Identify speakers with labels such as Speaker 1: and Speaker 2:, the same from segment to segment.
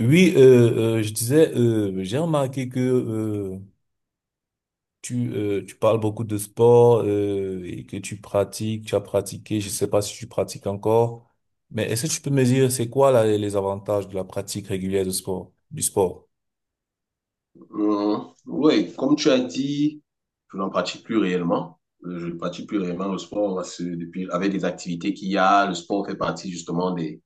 Speaker 1: Oui, je disais, j'ai remarqué que tu parles beaucoup de sport et que tu as pratiqué, je sais pas si tu pratiques encore, mais est-ce que tu peux me dire, c'est quoi là, les avantages de la pratique régulière de sport, du sport?
Speaker 2: Oui, comme tu as dit, je n'en pratique plus réellement. Je ne pratique plus réellement le sport parce que depuis, avec les activités qu'il y a. Le sport fait partie justement des,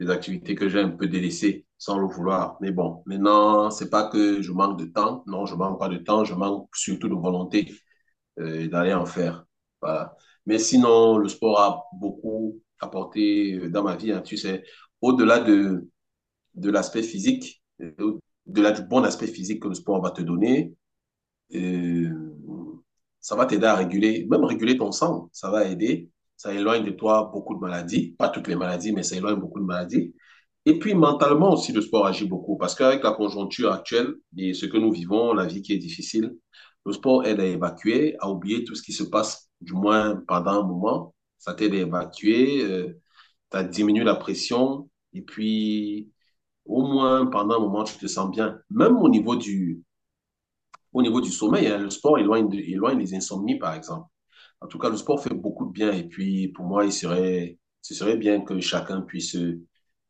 Speaker 2: des activités que j'ai un peu délaissées sans le vouloir. Mais bon, maintenant, c'est pas que je manque de temps. Non, je manque pas de temps. Je manque surtout de volonté d'aller en faire. Voilà. Mais sinon, le sport a beaucoup apporté dans ma vie, hein. Tu sais, au-delà de, de l'aspect physique, au-delà du bon aspect physique que le sport va te donner, euh, ça va t'aider à réguler, même réguler ton sang, ça va aider. Ça éloigne de toi beaucoup de maladies, pas toutes les maladies, mais ça éloigne beaucoup de maladies. Et puis mentalement aussi, le sport agit beaucoup parce qu'avec la conjoncture actuelle et ce que nous vivons, la vie qui est difficile, le sport aide à évacuer, à oublier tout ce qui se passe, du moins pendant un moment. Ça t'aide à évacuer, ça diminue la pression et puis au moins pendant un moment, tu te sens bien. Même au niveau du sommeil, hein, le sport éloigne, éloigne les insomnies, par exemple. En tout cas, le sport fait beaucoup de bien. Et puis, pour moi, il serait, ce serait bien que chacun puisse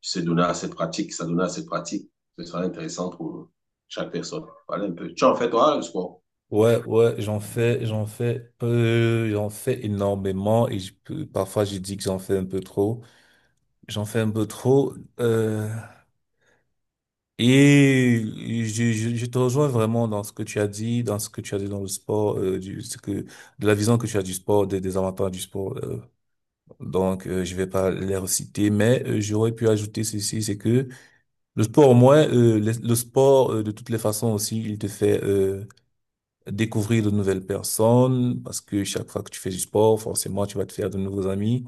Speaker 2: se donner à cette pratique, s'adonner à cette pratique. Ce serait intéressant pour chaque personne. Voilà un peu. Tu en fais, toi, le sport?
Speaker 1: Ouais, ouais, j'en fais énormément et parfois je dis que j'en fais un peu trop. J'en fais un peu trop. euh, Et je te rejoins vraiment dans ce que tu as dit dans le sport, de la vision que tu as du sport, des avantages du sport. Donc, je vais pas les reciter, mais j'aurais pu ajouter ceci, c'est que le sport, au moins, le sport, de toutes les façons aussi, il te fait découvrir de nouvelles personnes, parce que chaque fois que tu fais du sport, forcément, tu vas te faire de nouveaux amis.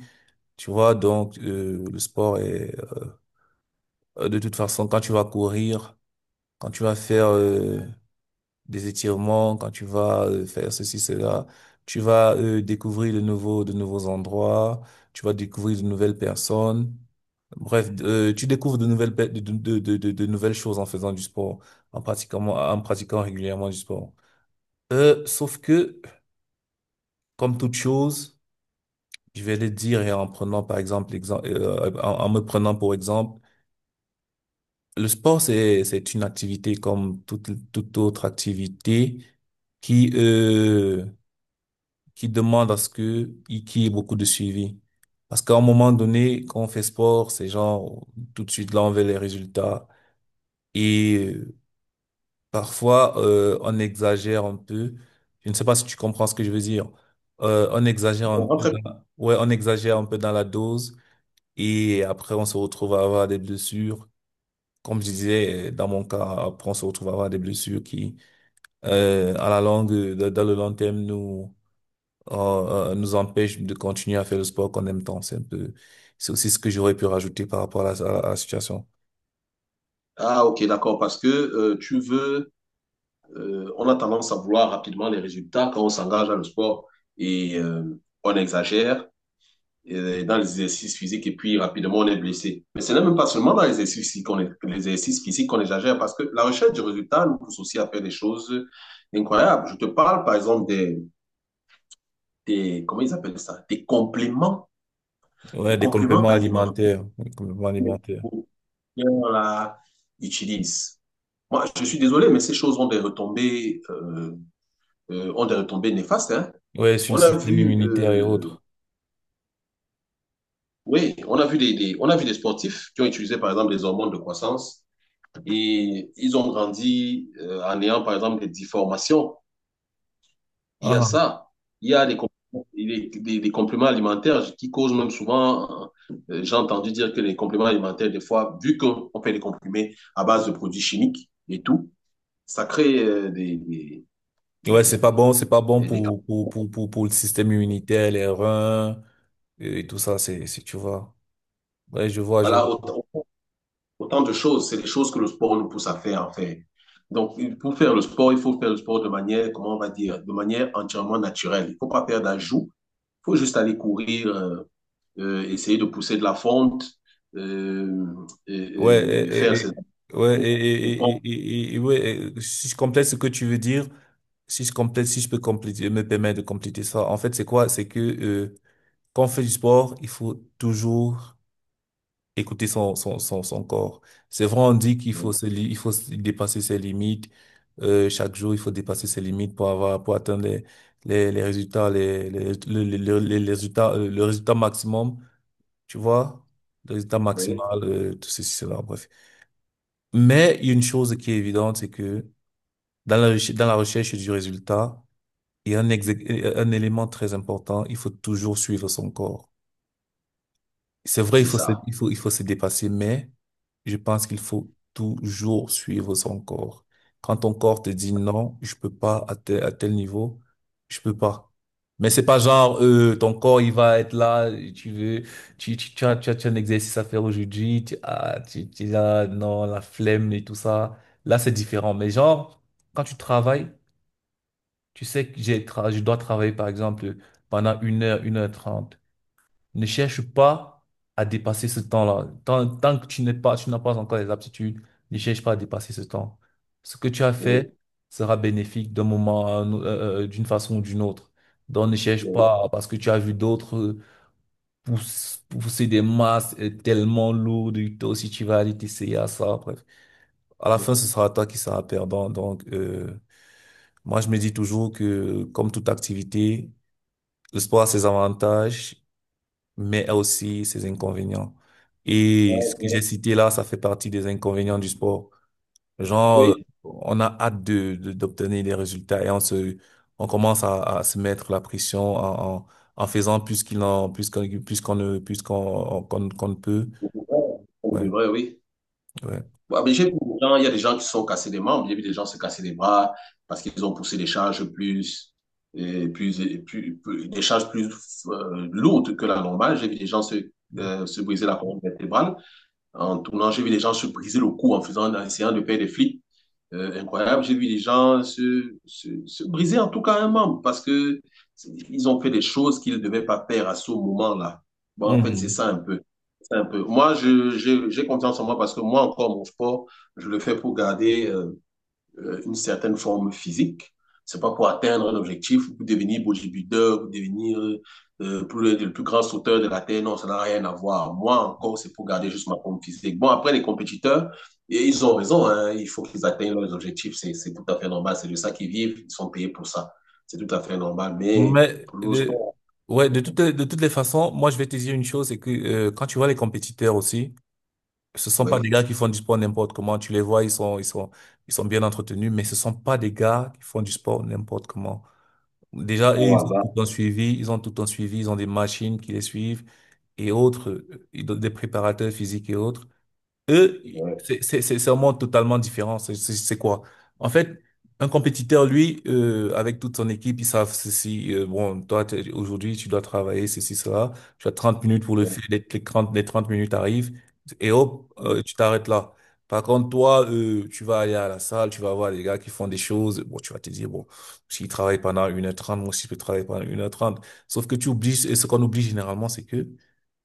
Speaker 1: Tu vois, donc, le sport est, de toute façon, quand tu vas courir, quand tu vas faire des étirements, quand tu vas faire ceci, cela, tu vas découvrir de de nouveaux endroits, tu vas découvrir de nouvelles personnes. Bref, tu découvres de nouvelles, pe- de nouvelles choses en faisant du sport, en pratiquant régulièrement du sport. Sauf que, comme toute chose, je vais le dire et en prenant par exemple l'exemple, en me prenant pour exemple, le sport c'est une activité comme toute autre activité qui euh, qui demande à ce qu'il y ait beaucoup de suivi. Parce qu'à un moment donné, quand on fait sport, c'est genre tout de suite là on veut les résultats et parfois on exagère un peu. Je ne sais pas si tu comprends ce que je veux dire. On exagère
Speaker 2: Je
Speaker 1: un
Speaker 2: comprends
Speaker 1: peu
Speaker 2: très bien.
Speaker 1: dans ouais, on exagère un peu dans la dose et après on se retrouve à avoir des blessures. Comme je disais, dans mon cas, après on se retrouve à avoir des blessures qui, à la longue, dans le long terme, nous empêche de continuer à faire le sport qu'on aime tant. C'est aussi ce que j'aurais pu rajouter par rapport à la, à la à la situation.
Speaker 2: Ah, ok, d'accord. Parce que tu veux, on a tendance à vouloir rapidement les résultats quand on s'engage dans le sport et on exagère dans les exercices physiques et puis rapidement on est blessé. Mais ce n'est même pas seulement dans les exercices physiques les exercices physiques qu'on exagère parce que la recherche du résultat nous pousse aussi à faire des choses incroyables. Je te parle par exemple des, comment ils appellent ça?
Speaker 1: Ouais,
Speaker 2: Des
Speaker 1: des
Speaker 2: compléments
Speaker 1: compléments
Speaker 2: alimentaires
Speaker 1: alimentaires, des compléments alimentaires.
Speaker 2: qu'on utilise. Moi, je suis désolé, mais ces choses ont des retombées néfastes, hein.
Speaker 1: Ouais, sur le
Speaker 2: On a
Speaker 1: système
Speaker 2: vu,
Speaker 1: immunitaire et autres.
Speaker 2: oui, on a vu on a vu des sportifs qui ont utilisé par exemple des hormones de croissance. Et ils ont grandi, en ayant, par exemple, des déformations. Il y a
Speaker 1: Ah.
Speaker 2: ça. Il y a des compléments alimentaires qui causent même souvent, j'ai entendu dire que les compléments alimentaires, des fois, vu qu'on fait des comprimés à base de produits chimiques et tout, ça crée
Speaker 1: Ouais,
Speaker 2: des, des, des-
Speaker 1: c'est pas bon
Speaker 2: des- des-
Speaker 1: pour le système immunitaire, les reins et tout ça, c'est, tu vois. Ouais, je vois, je vois.
Speaker 2: voilà, autant de choses. C'est les choses que le sport nous pousse à faire, en fait. Donc, pour faire le sport, il faut faire le sport de manière, comment on va dire, de manière entièrement naturelle. Il ne faut pas faire d'ajout, faut juste aller courir, essayer de pousser de la fonte, euh,
Speaker 1: Ouais,
Speaker 2: et faire ses
Speaker 1: et-
Speaker 2: appuis,
Speaker 1: ouais,
Speaker 2: je pense.
Speaker 1: et- Ouais, et si je complète ce que tu veux dire, si je peux compléter, me permettre de compléter ça, en fait, c'est quoi? C'est que quand on fait du sport, il faut toujours écouter son corps. C'est vrai, on dit qu'il faut se, li- il faut se dépasser ses limites. Chaque jour, il faut dépasser ses limites pour avoir, pour atteindre les résultats, les, le- les résultats, le résultat maximum, tu vois? Le résultat
Speaker 2: Oui,
Speaker 1: maximal, tout ceci, cela, bref. Mais il y a une chose qui est évidente, c'est que dans la recherche du résultat, il y a un élément très important, il faut toujours suivre son corps. C'est vrai,
Speaker 2: c'est ça.
Speaker 1: il faut se dépasser, mais je pense qu'il faut toujours suivre son corps. Quand ton corps te dit non, je peux pas à tel, à tel niveau, je peux pas. Mais c'est pas genre, ton corps, il va être là, tu veux, tu as, tu as, tu as un exercice à faire aujourd'hui, tu es là, non, la flemme et tout ça. Là, c'est différent. Mais genre, quand tu travailles, tu sais je dois travailler, par exemple, pendant une heure trente. Ne cherche pas à dépasser ce temps-là. Tant que tu n'as pas encore les aptitudes, ne cherche pas à dépasser ce temps. Ce que tu as fait
Speaker 2: Oui,
Speaker 1: sera bénéfique d'un moment, d'une façon ou d'une autre. Donc ne cherche
Speaker 2: oui,
Speaker 1: pas parce que tu as vu d'autres pousser des masses tellement lourdes, et toi aussi tu vas aller t'essayer à ça. Bref, à la
Speaker 2: oui,
Speaker 1: fin, ce sera toi qui seras perdant. Donc, moi, je me dis toujours que, comme toute activité, le sport a ses avantages mais a aussi ses inconvénients. Et ce que j'ai
Speaker 2: oui,
Speaker 1: cité là, ça fait partie des inconvénients du sport. Genre,
Speaker 2: oui,
Speaker 1: on a hâte d'obtenir des résultats et on commence à se mettre la pression en faisant plus qu'il en, plus qu'on ne, plus qu'on, qu'on, qu'on ne peut.
Speaker 2: on
Speaker 1: Ouais,
Speaker 2: devrait, oui.
Speaker 1: ouais.
Speaker 2: Bon, mais j'ai vu des gens- il y a des gens qui se sont cassés les membres, j'ai vu des gens se casser les bras parce qu'ils ont poussé des charges plus, et plus, et plus, plus- des charges plus lourdes que la normale. J'ai vu des gens se, se briser la colonne vertébrale. En tournant, j'ai vu des gens se briser le cou en faisant, en essayant de faire des flips. Incroyable. J'ai vu des gens se briser en tout cas un membre parce que ils ont fait des choses qu'ils ne devaient pas faire à ce moment-là. Bon, en fait, c'est
Speaker 1: Mhm.
Speaker 2: ça un peu. C'est un peu. Moi, j'ai confiance en moi parce que moi, encore, mon sport, je le fais pour garder une certaine forme physique. C'est pas pour atteindre un objectif, pour devenir bodybuilder, pour devenir, plus grand sauteur de la Terre. Non, ça n'a rien à voir. Moi, encore, c'est pour garder juste ma forme physique. Bon, après, les compétiteurs, et ils ont raison. Hein, il faut qu'ils atteignent leurs objectifs. C'est tout à fait normal. C'est de ça qu'ils vivent. Ils sont payés pour ça. C'est tout à fait normal. Mais
Speaker 1: Mais
Speaker 2: pour le
Speaker 1: le-
Speaker 2: sport,
Speaker 1: ouais, de de toutes les façons, moi je vais te dire une chose, c'est que quand tu vois les compétiteurs aussi, ce sont pas des
Speaker 2: oui,
Speaker 1: gars qui font du sport n'importe comment. Tu les vois, ils sont bien entretenus, mais ce sont pas des gars qui font du sport n'importe comment.
Speaker 2: c'est
Speaker 1: Déjà,
Speaker 2: pas
Speaker 1: eux,
Speaker 2: au hasard.
Speaker 1: ils ont tout le temps suivi, ils ont des machines qui les suivent et autres, ils ont des préparateurs physiques et autres. Eux,
Speaker 2: Ouais.
Speaker 1: c'est un monde totalement différent. C'est quoi? En fait, un compétiteur, lui, avec toute son équipe, ils savent ceci. Bon, toi, aujourd'hui, tu dois travailler ceci, cela. Tu as 30 minutes pour le faire. Les 30 minutes arrivent et hop,
Speaker 2: Ouais,
Speaker 1: tu t'arrêtes là. Par contre, toi, tu vas aller à la salle, tu vas voir les gars qui font des choses. Bon, tu vas te dire, bon, s'ils travaillent pendant une heure trente, moi aussi, je peux travailler pendant une heure trente. Sauf que tu oublies, et ce qu'on oublie généralement, c'est que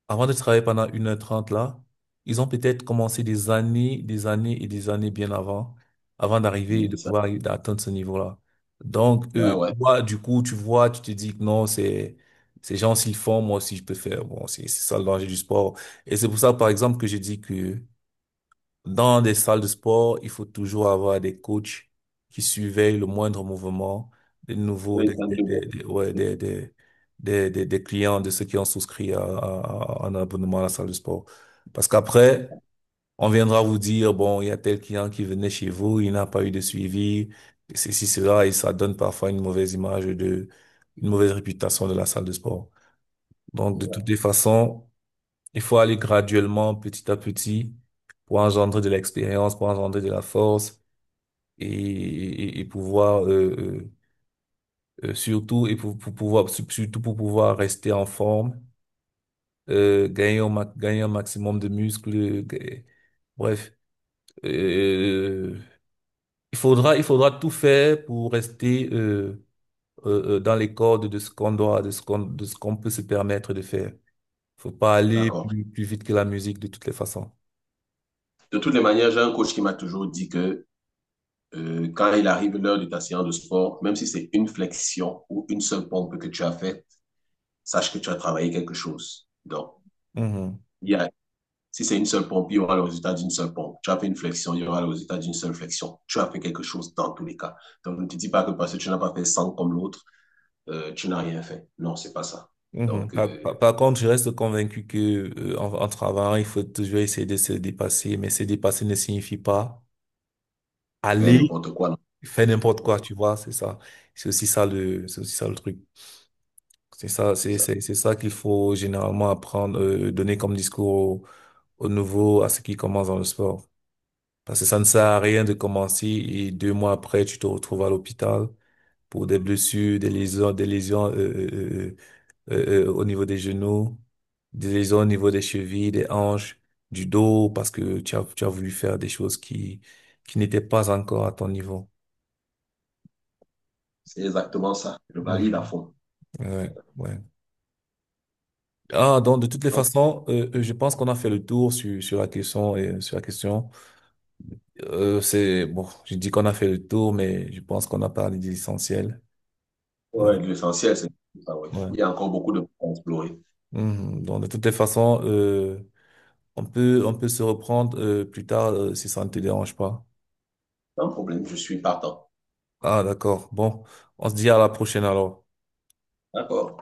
Speaker 1: avant de travailler pendant une heure trente là, ils ont peut-être commencé des années et des années bien avant, avant d'arriver et de
Speaker 2: c'est ça.
Speaker 1: d'atteindre ce niveau-là. Donc,
Speaker 2: Ouais,
Speaker 1: eux, tu
Speaker 2: ouais.
Speaker 1: vois, du coup, tu vois, tu te dis que non, c'est, ces gens s'ils font, moi aussi je peux faire. Bon, c'est ça le danger du sport. Et c'est pour ça, par exemple, que j'ai dit que dans des salles de sport, il faut toujours avoir des coachs qui surveillent le moindre mouvement des nouveaux,
Speaker 2: Ouais, c'est un double.
Speaker 1: des- ouais, des clients, de ceux qui ont souscrit à un abonnement à la salle de sport. Parce qu'après, on viendra vous dire, bon, il y a tel client qui venait chez vous, il n'a pas eu de suivi, ceci, cela, et ça donne parfois une mauvaise image de, une mauvaise réputation de la salle de sport. Donc, de toutes les façons, il faut aller graduellement, petit à petit, pour engendrer de l'expérience, pour engendrer de la force et pouvoir surtout et pour pouvoir surtout pour pouvoir rester en forme, gagner un maximum de muscles. Bref, euh, il faudra tout faire pour rester dans les cordes de ce qu'on doit, de ce qu'on peut se permettre de faire. Faut pas aller
Speaker 2: D'accord.
Speaker 1: plus vite que la musique de toutes les façons.
Speaker 2: De toutes les manières, j'ai un coach qui m'a toujours dit que, quand il arrive l'heure de ta séance de sport, même si c'est une flexion ou une seule pompe que tu as faite, sache que tu as travaillé quelque chose. Donc,
Speaker 1: Mhm.
Speaker 2: il y a, si c'est une seule pompe, il y aura le résultat d'une seule pompe. Tu as fait une flexion, il y aura le résultat d'une seule flexion. Tu as fait quelque chose dans tous les cas. Donc, ne te dis pas que parce que tu n'as pas fait 100 comme l'autre, tu n'as rien fait. Non, c'est pas ça.
Speaker 1: Mhm.
Speaker 2: Donc,
Speaker 1: Par contre, je reste convaincu que en travaillant, il faut toujours essayer de se dépasser, mais se dépasser ne signifie pas
Speaker 2: faire
Speaker 1: aller
Speaker 2: n'importe quoi, non.
Speaker 1: faire n'importe quoi,
Speaker 2: Oui,
Speaker 1: tu vois, c'est ça. C'est aussi ça le truc.
Speaker 2: c'est ça.
Speaker 1: C'est ça qu'il faut généralement apprendre, donner comme discours aux nouveaux, à ceux qui commencent dans le sport. Parce que ça ne sert à rien de commencer et deux mois après, tu te retrouves à l'hôpital pour des blessures, des lésions. Au niveau des genoux, des lésions au niveau des chevilles, des hanches, du dos, parce que tu as voulu faire des choses qui n'étaient pas encore à ton niveau.
Speaker 2: C'est exactement ça. Je
Speaker 1: Mm.
Speaker 2: valide à fond.
Speaker 1: Ouais, ouais. Ah, donc de toutes les
Speaker 2: Donc,
Speaker 1: façons, je pense qu'on a fait le tour sur la question et sur la question. C'est bon, je dis qu'on a fait le tour, mais je pense qu'on a parlé de l'essentiel. Ouais,
Speaker 2: ouais, l'essentiel, c'est ça. Ouais.
Speaker 1: ouais.
Speaker 2: Il y a encore beaucoup de points à explorer.
Speaker 1: Mhm. Donc de toutes les façons, on peut se reprendre plus tard si ça ne te dérange pas.
Speaker 2: Pas de problème, je suis partant.
Speaker 1: Ah, d'accord. Bon, on se dit à la prochaine alors.
Speaker 2: D'accord.